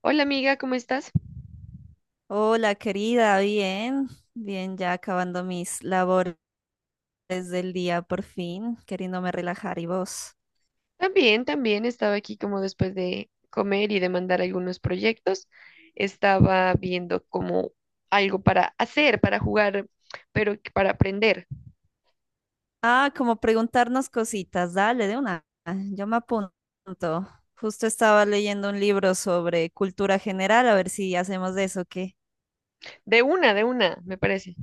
Hola amiga, ¿cómo estás? Hola, querida, bien, bien, ya acabando mis labores del día por fin, queriéndome relajar y vos. También, también estaba aquí como después de comer y de mandar algunos proyectos. Estaba viendo como algo para hacer, para jugar, pero que para aprender. Ah, como preguntarnos cositas, dale, de una, yo me apunto. Justo estaba leyendo un libro sobre cultura general, a ver si hacemos de eso, ¿qué? De una, me parece.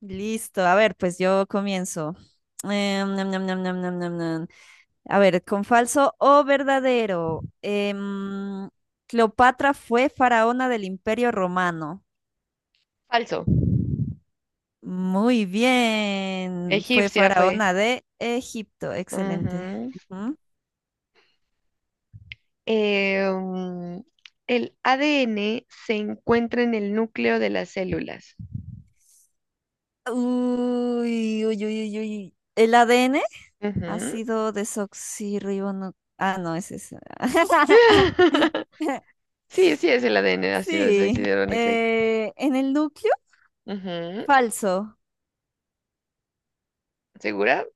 Listo, a ver, pues yo comienzo. Nam, nam, nam, nam, nam, nam, nam. A ver, con falso o verdadero. Cleopatra fue faraona del Imperio Romano. Falso. Muy bien. Fue Egipcia fue. faraona de Egipto. Excelente. Ujú. Ujú. Eh, mm, el ADN se encuentra en el núcleo de las células. Uy, uy, uy, uy, uy. ¿El ADN? Ujú. Ácido desoxirribonucleico. Ah, no, es ese. Sí, sí es el ADN, ácido Sí. desoxirribonucleico. ¿En el núcleo? Ujú. Falso. ¿Segura?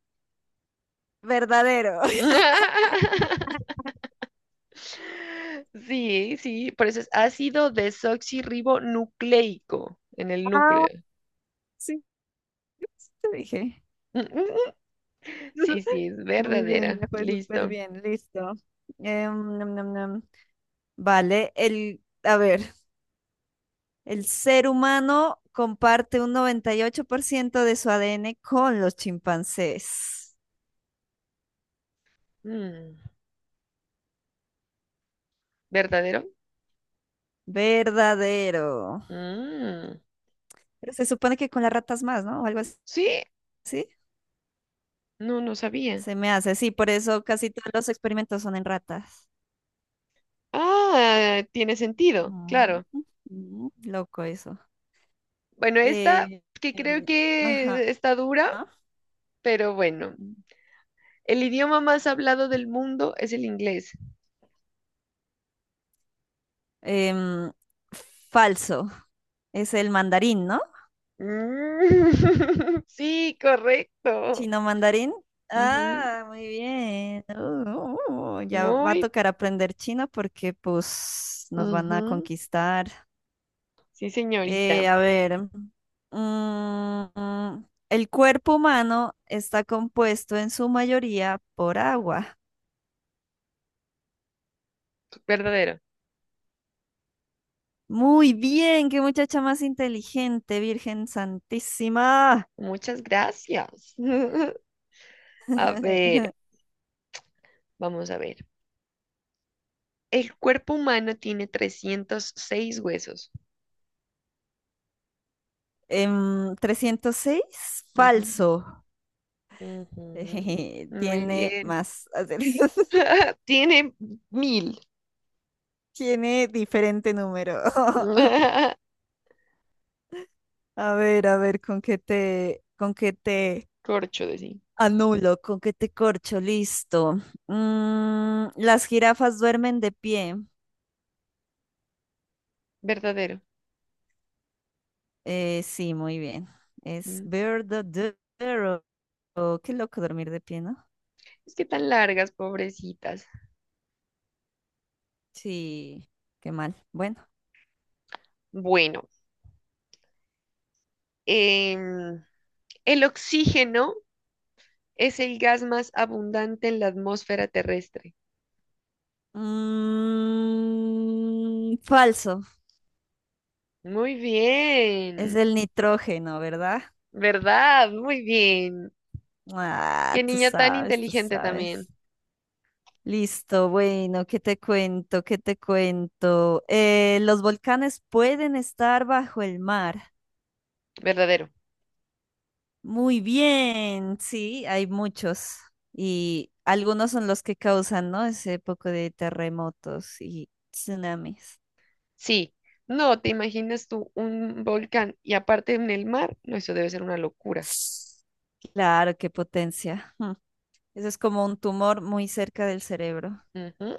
Verdadero. Sí, sí, por eso es ácido desoxirribonucleico en el Ah, núcleo. sí, te dije. Sí, sí, es Muy bien, verdadera. me fue súper Listo. bien, listo. Nam, nam, nam. Vale, a ver, el ser humano comparte un 98% de su ADN con los chimpancés. Mm, ¿verdadero? Verdadero. Mm, Pero se supone que con las ratas más, ¿no? O algo así. sí, ¿Sí? no, no sabía. Se me hace, sí, por eso casi todos los experimentos son en ratas. Ah, tiene sentido, Mm, claro. Loco eso. Bueno, esta Eh, que creo eh, ajá. que está dura, pero bueno. El idioma más hablado del mundo es el inglés. Em, Falso. Es el mandarín, ¿no? Mm, sí, correcto. ¿Chino mandarín? Ujú. Ah, muy bien. Ya va a Muy. tocar aprender chino porque pues nos van a Ujú. conquistar. Sí, señorita. A ver, el cuerpo humano está compuesto en su mayoría por agua. Verdadero. Muy bien, qué muchacha más inteligente, Virgen Santísima. Muchas gracias. A ver, vamos a ver. El cuerpo humano tiene 306 huesos. 306, Ujú, falso. ujú. Muy Tiene bien. más acertijos. Tiene mil. Tiene diferente número. A ver, con qué te Corcho de sí. anulo, con qué te corcho, listo. Las jirafas duermen de pie. Verdadero. Sí, muy bien. Es Mm. verdadero. Qué loco dormir de pie, ¿no? Es que tan largas, pobrecitas. Sí, qué mal. Bueno. Bueno, em, el oxígeno es el gas más abundante en la atmósfera terrestre. Falso. Muy Es bien, el nitrógeno, ¿verdad? ¿verdad? Muy bien. Ah, Qué tú niña tan sabes, tú inteligente también, sabes. Listo, bueno, ¿qué te cuento? ¿Qué te cuento? Los volcanes pueden estar bajo el mar. verdadero. Muy bien, sí, hay muchos. Y algunos son los que causan, ¿no? Ese poco de terremotos y tsunamis. Sí, no te imaginas tú un volcán y aparte en el mar, no, eso debe ser una locura. Claro, qué potencia. Eso es como un tumor muy cerca del cerebro. Ujú.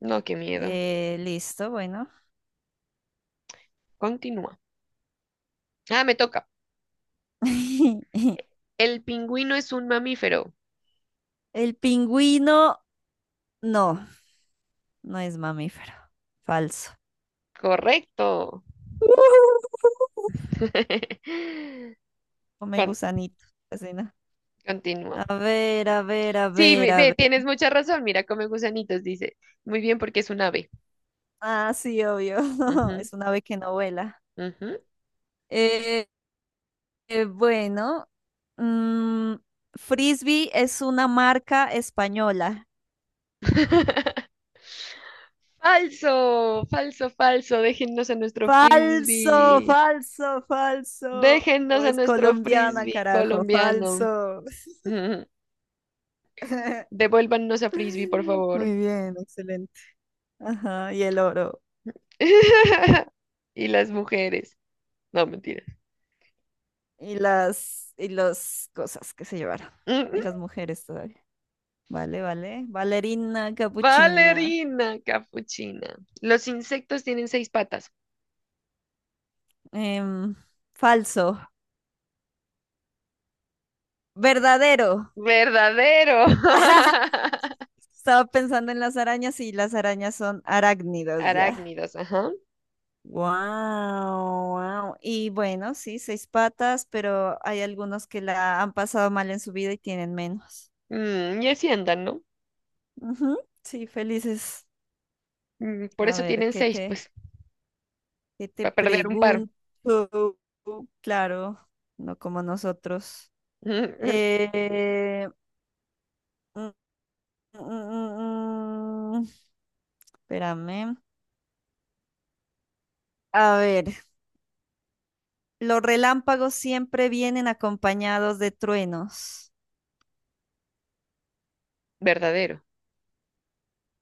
No, qué miedo. Listo, bueno. Continúa. Ah, me toca. El pingüino es un mamífero. El pingüino, no, no es mamífero. Falso. Correcto. Come Con- gusanito. Casi no. Continúa. A ver, a ver, a Sí, ver, a ve, ver. tienes mucha razón. Mira, come gusanitos, dice. Muy bien, porque es un ave. Ah, sí, obvio. Ujú, Es una ave que no vuela. ujú. Eh, bueno, mm, Frisbee es una marca española. Falso, falso, falso. Déjennos a nuestro Falso, frisbee. falso, falso. Déjennos a Es nuestro colombiana, frisbee carajo, colombiano. falso. Ujú. Devuélvannos a frisbee, por favor. Muy bien, excelente. Ajá, y el oro. Y las mujeres. No, mentira. Y y las cosas que se llevaron. Y las mujeres todavía. Vale, vale. Valerina, capuchina. Valerina capuchina. Los insectos tienen seis patas. em, Falso. Verdadero. Verdadero. Estaba pensando en las arañas y las arañas son arácnidos ya. Arácnidos, ajá. Wow, wow. Y bueno, sí, seis patas, pero hay algunos que la han pasado mal en su vida y tienen menos. Mm, y así andan, ¿no? Ujú. Sí, felices. Por A eso ver, tienen seis, pues, ¿qué te para perder un par. pregunto? Claro, no como nosotros. Eh, Mm, Espérame. A ver, los relámpagos siempre vienen acompañados de truenos. Verdadero.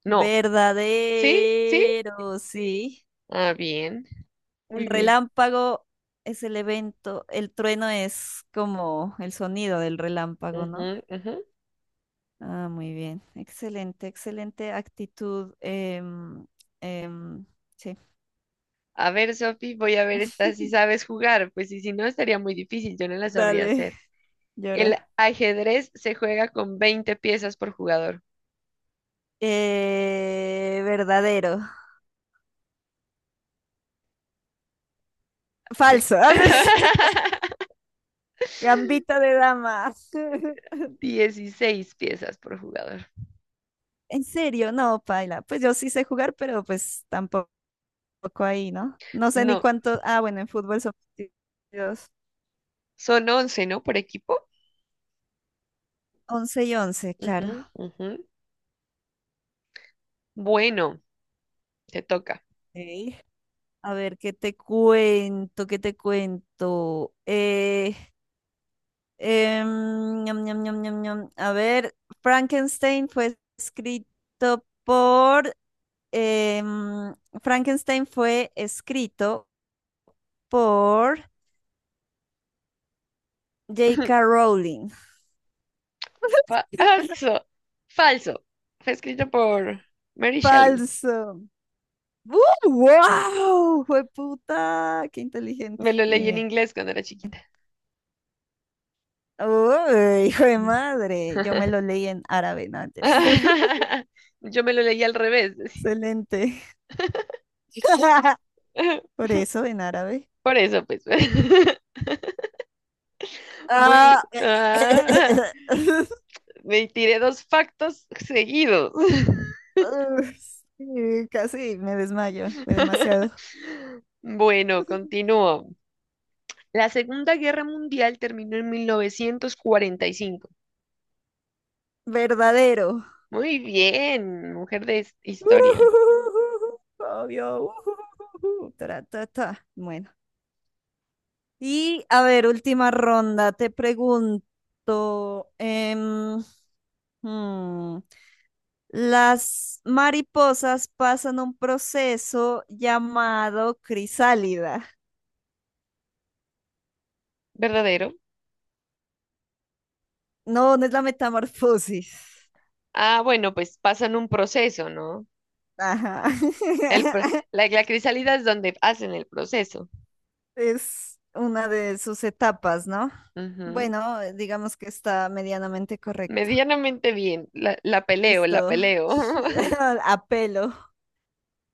No. ¿Sí? ¿Sí? Verdadero, sí. Ah, bien. El Muy bien. relámpago es el evento, el trueno es como el sonido del relámpago, ¿no? Ujú, ujú. Ah, muy bien. Excelente, excelente actitud. Em, sí. A ver, Sofi, voy a ver esta si sabes jugar, pues y si no estaría muy difícil, yo no la sabría Dale, hacer. El llora. ajedrez se juega con 20 piezas por jugador. Verdadero. Sí. Falso. Gambito de dama. 16 piezas por jugador. En serio, no, paila. Pues yo sí sé jugar, pero pues tampoco ahí, ¿no? No sé ni No, cuánto. Ah, bueno, en fútbol son partidos son 11, ¿no? Por equipo. 11 y once, Ujú, claro. ujú. Bueno, te toca. Ok. A ver, ¿qué te cuento? ¿Qué te cuento? Ñam, ñam, ñam, ñam, ñam. A ver, Frankenstein fue escrito por... em, Frankenstein fue escrito por J. K. Rowling. Falso. Falso. Fue escrito por Mary Shelley. Falso. ¡Wow! ¡Fue puta! ¡Qué inteligente! Me lo Muy leí en bien. inglés cuando era chiquita. ¡Uy, hijo de madre! Yo me lo leí en árabe, ¿no? Mentira. Yo me lo leí al revés. Excelente. Por eso, en árabe. Por eso, pues. Muy. Ah. Ah, me tiré dos factos seguidos. Uf, sí, casi me desmayo. Fue demasiado. Bueno, continúo. La Segunda Guerra Mundial terminó en 1945. Verdadero. Muy bien, mujer de historia. Obvio. Tra, ta, ta. Bueno. Y a ver, última ronda, te pregunto, hmm, las mariposas pasan un proceso llamado crisálida. ¿Verdadero? No, no es la metamorfosis. Ah, bueno, pues pasan un proceso, ¿no? Ajá. El, pro- la crisálida es donde hacen el proceso. Es una de sus etapas, ¿no? Ujú. Bueno, digamos que está medianamente correcto. Medianamente bien. La peleo, la Listo. peleo. Apelo.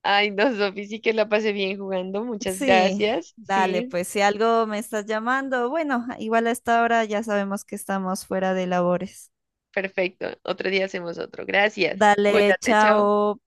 Ay, no, Sofi, sí que la pasé bien jugando. Muchas Sí, gracias. dale, Sí, pues si algo me estás llamando, bueno, igual a esta hora ya sabemos que estamos fuera de labores. perfecto. Otro día hacemos otro. Gracias. Dale, Cuídate, chao. chao.